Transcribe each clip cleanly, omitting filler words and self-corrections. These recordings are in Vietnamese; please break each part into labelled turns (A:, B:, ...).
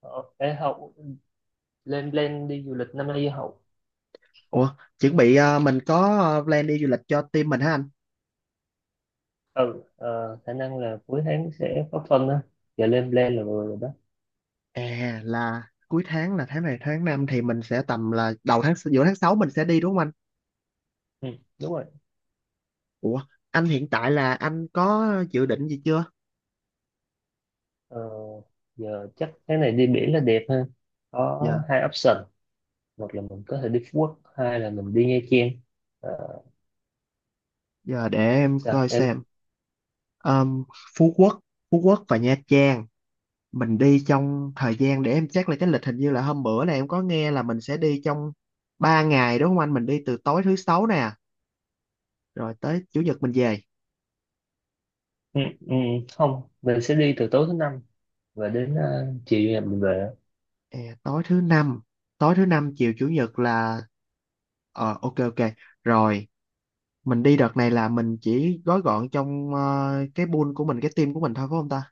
A: Ờ, Để học lên plan đi du lịch năm nay học
B: Ủa, chuẩn bị mình có plan đi du lịch cho team mình hả anh?
A: ừ ờ, khả năng là cuối tháng sẽ có phân á. Giờ lên plan là vừa rồi đó.
B: À là cuối tháng là tháng này tháng 5 thì mình sẽ tầm là đầu tháng giữa tháng 6 mình sẽ đi đúng không anh?
A: Ừ, đúng rồi.
B: Ủa, anh hiện tại là anh có dự định gì chưa?
A: ờ, Giờ chắc cái này đi biển là đẹp hơn, có
B: Giờ
A: hai option: một là mình có thể đi Phú Quốc, hai là mình đi Nha Trang. Ờ,
B: giờ để em
A: Sao
B: coi
A: em?
B: xem. Ờm, Phú Quốc, Phú Quốc và Nha Trang. Mình đi trong thời gian để em check lại cái lịch, hình như là hôm bữa này em có nghe là mình sẽ đi trong 3 ngày đúng không anh? Mình đi từ tối thứ sáu nè, rồi tới chủ nhật mình về.
A: Ừ, ừ, không, mình sẽ đi từ tối thứ năm và đến chiều ngày mình về.
B: Ờ, tối thứ năm, tối thứ năm chiều chủ nhật là ờ, ok ok rồi. Mình đi đợt này là mình chỉ gói gọn trong cái pool của mình, cái team của mình thôi phải không ta?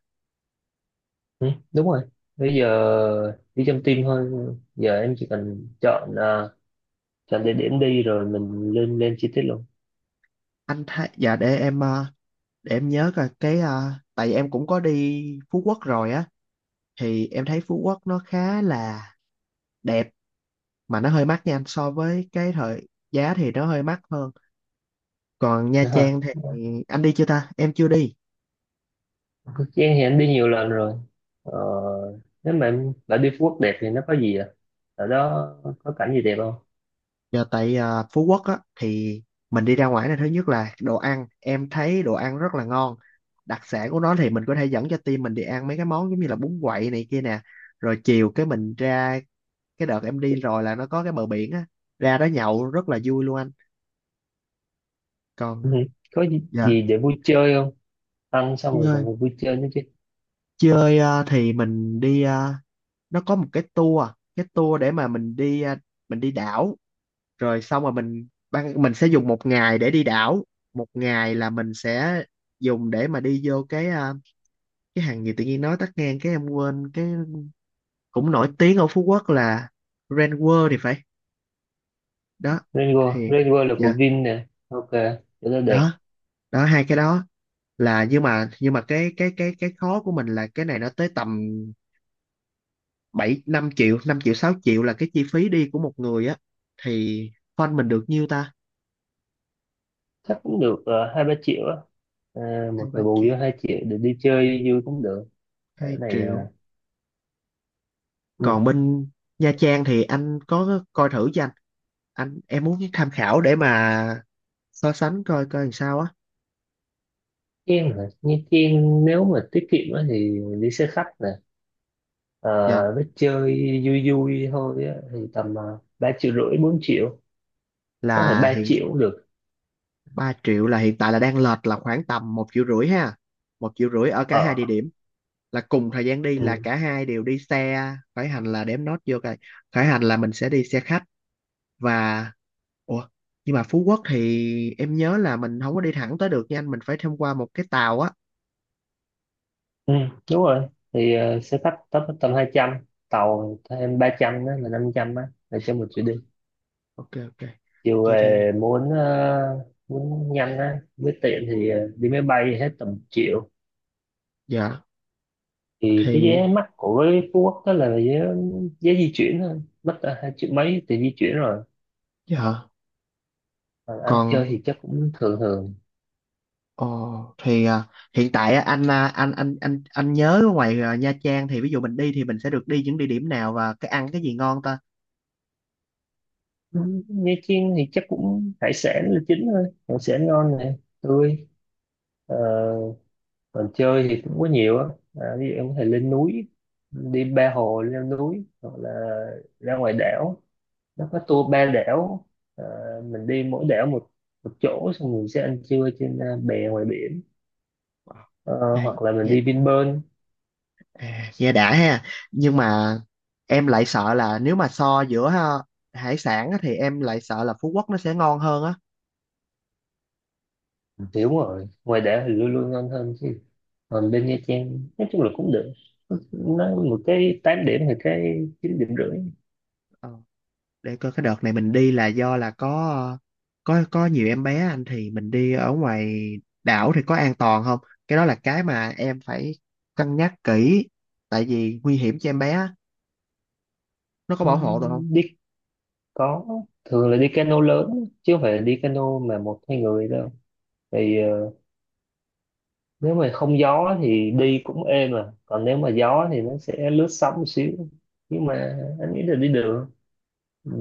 A: Ừ, đúng rồi, bây giờ đi trong team thôi. Giờ em chỉ cần chọn chọn địa điểm đi rồi mình lên lên chi tiết luôn.
B: Anh thấy dạ để em để em nhớ coi cái tại vì em cũng có đi Phú Quốc rồi á, thì em thấy Phú Quốc nó khá là đẹp mà nó hơi mắc nha anh, so với cái thời giá thì nó hơi mắc hơn. Còn Nha
A: Ha
B: Trang thì anh đi chưa ta, em chưa đi.
A: Giang, thì anh đi nhiều lần rồi. ờ, Nếu mà em bảo đi Phú Quốc đẹp thì nó có gì à, ở đó có cảnh gì đẹp không?
B: Giờ tại à, Phú Quốc á thì mình đi ra ngoài này, thứ nhất là đồ ăn, em thấy đồ ăn rất là ngon. Đặc sản của nó thì mình có thể dẫn cho team mình đi ăn mấy cái món giống như là bún quậy này kia nè. Rồi chiều cái mình ra, cái đợt em đi rồi là nó có cái bờ biển á, ra đó nhậu rất là vui luôn anh.
A: Ừ,
B: Còn
A: có gì,
B: dạ,
A: gì để vui chơi không? Ăn xong rồi còn
B: chơi,
A: phải vui chơi nữa chứ.
B: chơi à, thì mình đi à, nó có một cái tour để mà mình đi à, mình đi đảo, rồi xong rồi mình ban mình sẽ dùng một ngày để đi đảo, một ngày là mình sẽ dùng để mà đi vô cái cái hàng gì tự nhiên nói tắt ngang cái em quên, cái cũng nổi tiếng ở Phú Quốc là Grand World thì phải. Đó
A: Rain World,
B: thì
A: Rain World là
B: dạ,
A: của Vin nè, ok, chỗ đó được.
B: đó đó hai cái đó. Là nhưng mà cái khó của mình là cái này nó tới tầm 7 5 triệu, 5 triệu 6 triệu là cái chi phí đi của một người á. Thì fund mình được nhiêu ta?
A: Chắc cũng được hai ba triệu á. Ờ,
B: hai
A: một
B: ba
A: người bù
B: triệu
A: vô hai triệu để đi chơi vui cũng được. Ở
B: hai
A: này
B: triệu
A: Nha
B: Còn bên Nha Trang thì anh có coi thử cho anh em muốn tham khảo để mà so sánh coi coi làm sao á.
A: Trang hả? Nha Trang nếu mà tiết kiệm á thì đi xe khách. Ờ,
B: Dạ
A: Biết chơi vui vui thôi á, thì tầm 3 triệu rưỡi 4 triệu, có thể
B: là
A: 3
B: hiện
A: triệu cũng được.
B: ba triệu là hiện tại là đang lệch là khoảng tầm 1,5 triệu ha, 1,5 triệu ở cả hai địa
A: Ở
B: điểm, là cùng thời gian đi, là
A: ừ.
B: cả hai đều đi xe khởi hành là đếm nốt vô coi. Khởi hành là mình sẽ đi xe khách. Và ủa, nhưng mà Phú Quốc thì em nhớ là mình không có đi thẳng tới được nha anh, mình phải thông qua một cái tàu á.
A: Ừ, đúng rồi, thì xe khách tấp tầm 200, tàu thêm ba trăm, đó là 500 á là cho một chuyến đi.
B: Ok ok
A: Chiều
B: vậy thì
A: về muốn muốn nhanh á với tiện thì đi máy bay hết tầm một triệu.
B: dạ,
A: Thì cái
B: thì
A: vé mắc của Phú Quốc đó là vé, vé di chuyển thôi mất hai triệu mấy tiền di chuyển rồi.
B: dạ
A: Còn ăn chơi
B: còn
A: thì chắc cũng thường thường.
B: ồ thì à, hiện tại á, anh à, anh nhớ ở ngoài à, Nha Trang thì ví dụ mình đi thì mình sẽ được đi những địa điểm nào và cái ăn cái gì ngon ta?
A: Ừ, Nha Chiên thì chắc cũng hải sản là chính thôi, hải sản ngon này, tươi. Ờ, còn chơi thì cũng có nhiều á. À, ví dụ em có thể lên núi đi ba hồ leo núi, hoặc là ra ngoài đảo, nó có tour ba đảo. Ờ, mình đi mỗi đảo một một chỗ, xong mình sẽ ăn trưa trên bè ngoài biển. Ờ,
B: Ê,
A: hoặc là mình
B: nghe,
A: đi Vinpearl.
B: à, nghe đã ha. Nhưng mà em lại sợ là nếu mà so giữa ha, hải sản á, thì em lại sợ là Phú Quốc nó sẽ ngon hơn
A: Thì đúng rồi, ngoài đảo thì luôn luôn ngon hơn chứ. Còn bên Nha Trang nói chung là cũng được, nó một cái 8 điểm thì cái 9 điểm rưỡi.
B: á. Để coi cái đợt này mình đi là do là có có nhiều em bé anh, thì mình đi ở ngoài đảo thì có an toàn không? Cái đó là cái mà em phải cân nhắc kỹ, tại vì nguy hiểm cho em bé á. Nó có
A: Ừ,
B: bảo hộ được không?
A: đi, có, thường là đi cano lớn chứ không phải là đi cano mà một hai người đâu. Thì nếu mà không gió thì đi cũng êm mà, còn nếu mà gió thì nó sẽ lướt sóng một xíu, nhưng mà anh nghĩ là đi được.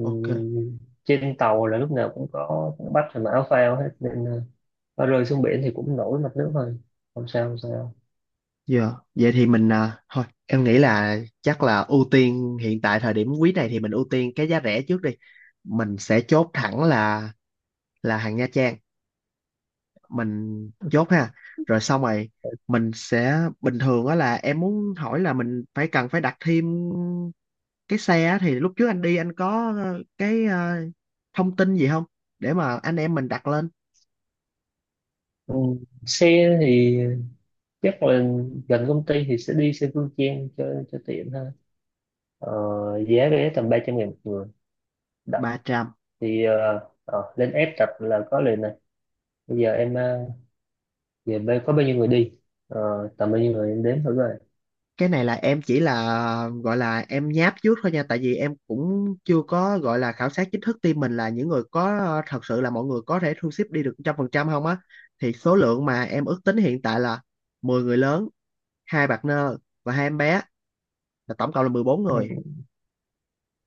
B: Ok,
A: trên tàu là lúc nào cũng có bách và mã phao hết nên có rơi xuống biển thì cũng nổi mặt nước thôi, không sao không sao.
B: giờ vậy thì mình à, thôi em nghĩ là chắc là ưu tiên hiện tại thời điểm quý này thì mình ưu tiên cái giá rẻ trước đi. Mình sẽ chốt thẳng là hàng Nha Trang, mình chốt ha. Rồi xong rồi mình sẽ bình thường á, là em muốn hỏi là mình phải cần phải đặt thêm cái xe á, thì lúc trước anh đi anh có cái thông tin gì không để mà anh em mình đặt lên?
A: Xe thì chắc là gần công ty thì sẽ đi xe Phương Trang cho tiện thôi. Ờ, giá vé tầm 300 ngàn một người,
B: Bà Tràm,
A: thì lên app tập là có liền này. Bây giờ em về bên có bao nhiêu người đi. Ờ, tầm bao nhiêu người em đếm thử rồi.
B: cái này là em chỉ là gọi là em nháp trước thôi nha, tại vì em cũng chưa có gọi là khảo sát chính thức team mình, là những người có thật sự là mọi người có thể thu xếp đi được 100% không á. Thì số lượng mà em ước tính hiện tại là 10 người lớn, hai partner và hai em bé, là tổng cộng là 14 người.
A: Ừ,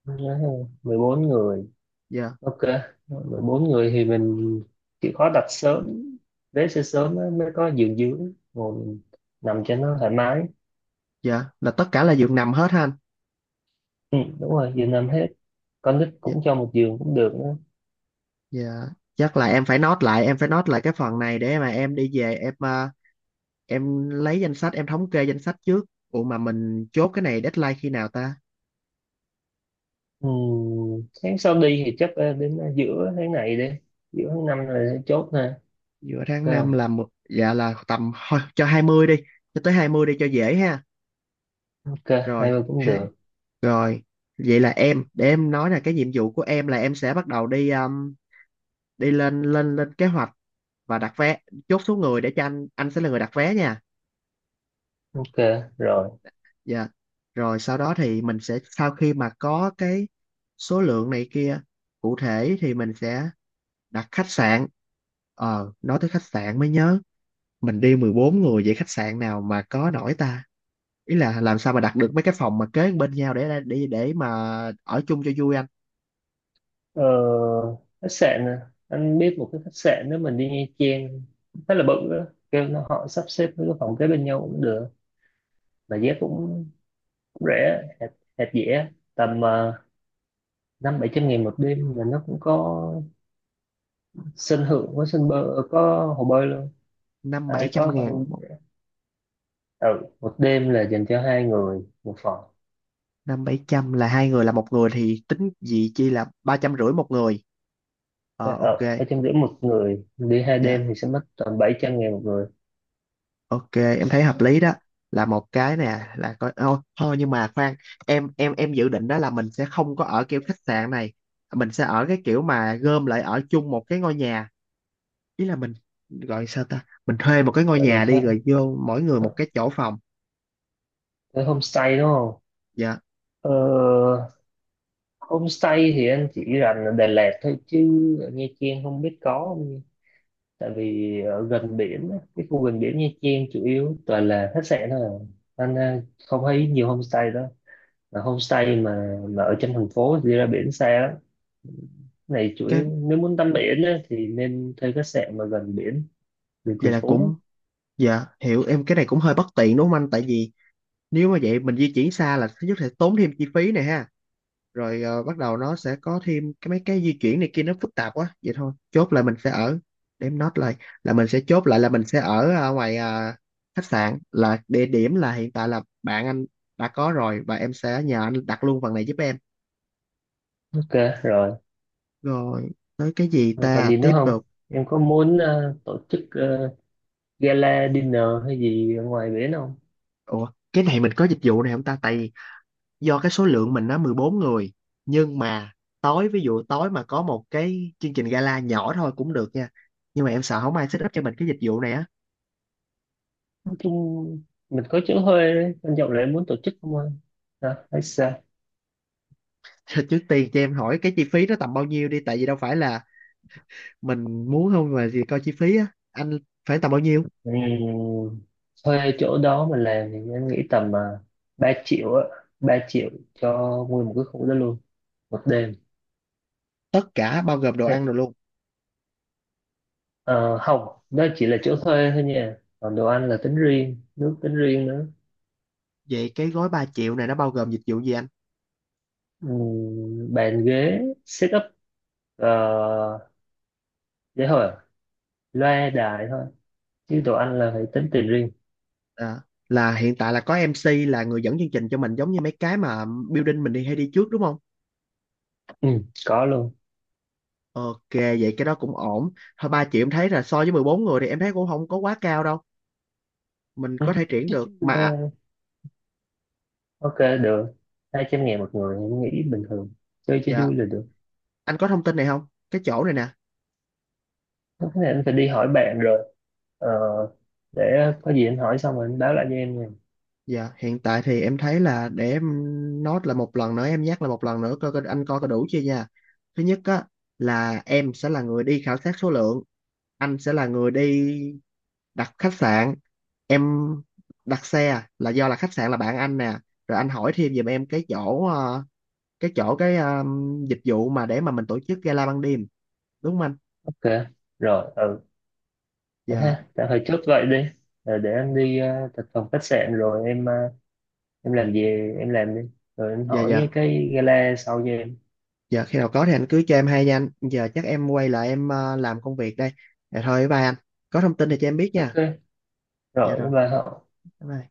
A: nhớ không? 14 người,
B: Dạ,
A: ok. 14 người thì mình chịu khó đặt sớm, vé sẽ sớm á, mới có giường dưỡng ngồi mình nằm cho nó thoải mái.
B: dạ là tất cả là giường nằm hết ha anh?
A: Ừ, đúng rồi, giường nằm hết, con nít
B: Dạ,
A: cũng cho một giường cũng được nữa.
B: dạ chắc là em phải note lại, em phải note lại cái phần này để mà em đi về em à, em lấy danh sách em thống kê danh sách trước. Ủa mà mình chốt cái này deadline khi nào ta?
A: Ừ, tháng sau đi thì chắc đến giữa tháng này đi, giữa tháng năm rồi sẽ chốt ha.
B: Giữa
A: Ok
B: tháng 5
A: không,
B: là một dạ là tầm thôi cho 20 đi, cho tới 20 đi cho dễ ha.
A: ok, hai
B: Rồi
A: bên cũng
B: ha,
A: được,
B: rồi vậy là em để em nói là cái nhiệm vụ của em là em sẽ bắt đầu đi đi lên lên lên kế hoạch và đặt vé, chốt số người để cho anh sẽ là người đặt vé nha.
A: ok rồi.
B: Dạ rồi sau đó thì mình sẽ sau khi mà có cái số lượng này kia cụ thể thì mình sẽ đặt khách sạn. Ờ, nói tới khách sạn mới nhớ, mình đi 14 người vậy khách sạn nào mà có nổi ta? Ý là làm sao mà đặt được mấy cái phòng mà kế bên nhau để để mà ở chung cho vui anh.
A: Ờ, khách sạn à, anh biết một cái khách sạn nếu mình đi Nha Trang, khá là bự đó, kêu nó họ sắp xếp với cái phòng kế bên nhau cũng được, mà giá cũng cũng rẻ hẹp, hẹp dễ, tầm năm bảy trăm nghìn một đêm, mà nó cũng có sân thượng, có sân bơi, có hồ bơi luôn.
B: Năm bảy
A: Ai
B: trăm
A: có
B: ngàn
A: con,
B: một.
A: ừ, một đêm là dành cho hai người một phòng.
B: Năm bảy trăm là hai người, là một người thì tính gì chi là 350 một người.
A: Ở
B: Ờ,
A: ừ,
B: ok.
A: bảy trăm rưỡi một người đi hai đêm
B: Dạ.
A: thì sẽ mất tầm bảy trăm nghìn một người.
B: Ok, em thấy hợp lý đó. Là một cái nè, là coi ô, thôi nhưng mà khoan, em dự định đó là mình sẽ không có ở kiểu khách sạn này. Mình sẽ ở cái kiểu mà gom lại ở chung một cái ngôi nhà. Ý là mình gọi sao ta? Mình thuê một cái ngôi
A: Vậy là
B: nhà đi
A: thôi
B: rồi vô mỗi người một cái chỗ phòng.
A: tới homestay đúng không?
B: Dạ.
A: Ờ, homestay thì anh chỉ rành ở Đà Lạt thôi, chứ ở Nha Trang không biết có không nha. Tại vì ở gần biển, á, cái khu gần biển Nha Trang chủ yếu toàn là khách sạn thôi à. Anh không thấy nhiều homestay đó. Mà homestay mà ở trong thành phố thì đi ra biển xa lắm. Cái này chủ
B: Cái
A: yếu nếu muốn tắm biển á, thì nên thuê khách sạn mà gần biển, đường
B: vậy
A: thành
B: là
A: phố.
B: cũng dạ, hiểu, em cái này cũng hơi bất tiện đúng không anh? Tại vì nếu mà vậy mình di chuyển xa là thứ nhất sẽ tốn thêm chi phí này ha. Rồi ờ, bắt đầu nó sẽ có thêm cái mấy cái di chuyển này kia nó phức tạp quá, vậy thôi chốt là mình sẽ ở, để em note lại là mình sẽ chốt lại là mình sẽ ở ngoài khách sạn, là địa điểm là hiện tại là bạn anh đã có rồi và em sẽ nhờ anh đặt luôn phần này giúp em.
A: Ok rồi,
B: Rồi tới cái gì
A: còn
B: ta,
A: gì nữa
B: tiếp
A: không?
B: tục.
A: Em có muốn tổ chức gala dinner hay gì ở ngoài biển không?
B: Ủa cái này mình có dịch vụ này không ta, tại vì do cái số lượng mình nó 14 người, nhưng mà tối ví dụ tối mà có một cái chương trình gala nhỏ thôi cũng được nha, nhưng mà em sợ không ai set up cho mình cái dịch vụ này á.
A: Chung mình có chỗ thuê đấy. Anh Trọng lại muốn tổ chức không anh? Hả? Hay sao?
B: Thì trước tiên cho em hỏi cái chi phí nó tầm bao nhiêu đi, tại vì đâu phải là mình muốn không mà gì, coi chi phí á anh, phải tầm bao nhiêu?
A: Ừ, thuê chỗ đó mà làm thì anh nghĩ tầm 3 triệu á, 3 triệu cho nguyên một cái khu đó luôn, một đêm.
B: Tất cả bao gồm đồ
A: Đấy.
B: ăn rồi luôn?
A: Ờ, không, đó chỉ là chỗ thuê thôi nha, còn đồ ăn là tính riêng, nước tính riêng nữa.
B: Vậy cái gói 3 triệu này nó bao gồm dịch vụ gì anh?
A: Ừ, bàn ghế setup, uh, để thôi, loa đài thôi, chứ đồ ăn là phải tính tiền riêng.
B: À, là hiện tại là có MC là người dẫn chương trình cho mình giống như mấy cái mà building mình đi hay đi trước đúng không?
A: Ừ, có
B: Ok, vậy cái đó cũng ổn. Thôi 3 triệu em thấy là so với 14 người thì em thấy cũng không có quá cao đâu, mình có thể triển được mà.
A: luôn, ok được. 200 ngàn một người em nghĩ bình thường, chơi cho
B: Dạ,
A: vui là được.
B: anh có thông tin này không, cái chỗ này nè?
A: Cái này anh phải đi hỏi bạn rồi, ờ, để có gì anh hỏi xong rồi anh báo lại cho em nha.
B: Dạ, hiện tại thì em thấy là để em nốt là một lần nữa, em nhắc là một lần nữa coi coi anh coi có đủ chưa nha. Thứ nhất á là em sẽ là người đi khảo sát số lượng, anh sẽ là người đi đặt khách sạn, em đặt xe à, là do là khách sạn là bạn anh nè, rồi anh hỏi thêm giùm em cái chỗ cái chỗ cái dịch vụ mà để mà mình tổ chức gala ban đêm, đúng không anh?
A: Ok rồi, ừ, vậy
B: Dạ,
A: ha, tạm thời chốt vậy đi. Rồi để anh đi thực phòng khách sạn, rồi em em làm gì em làm đi, rồi anh
B: dạ dạ.
A: hỏi cái gala sau cho em.
B: Dạ khi nào có thì anh cứ cho em hay nha anh. Giờ chắc em quay lại em làm công việc đây. Dạ thôi bye anh. Có thông tin thì cho em biết nha.
A: Ok
B: Dạ
A: rồi
B: rồi,
A: và
B: bye bye.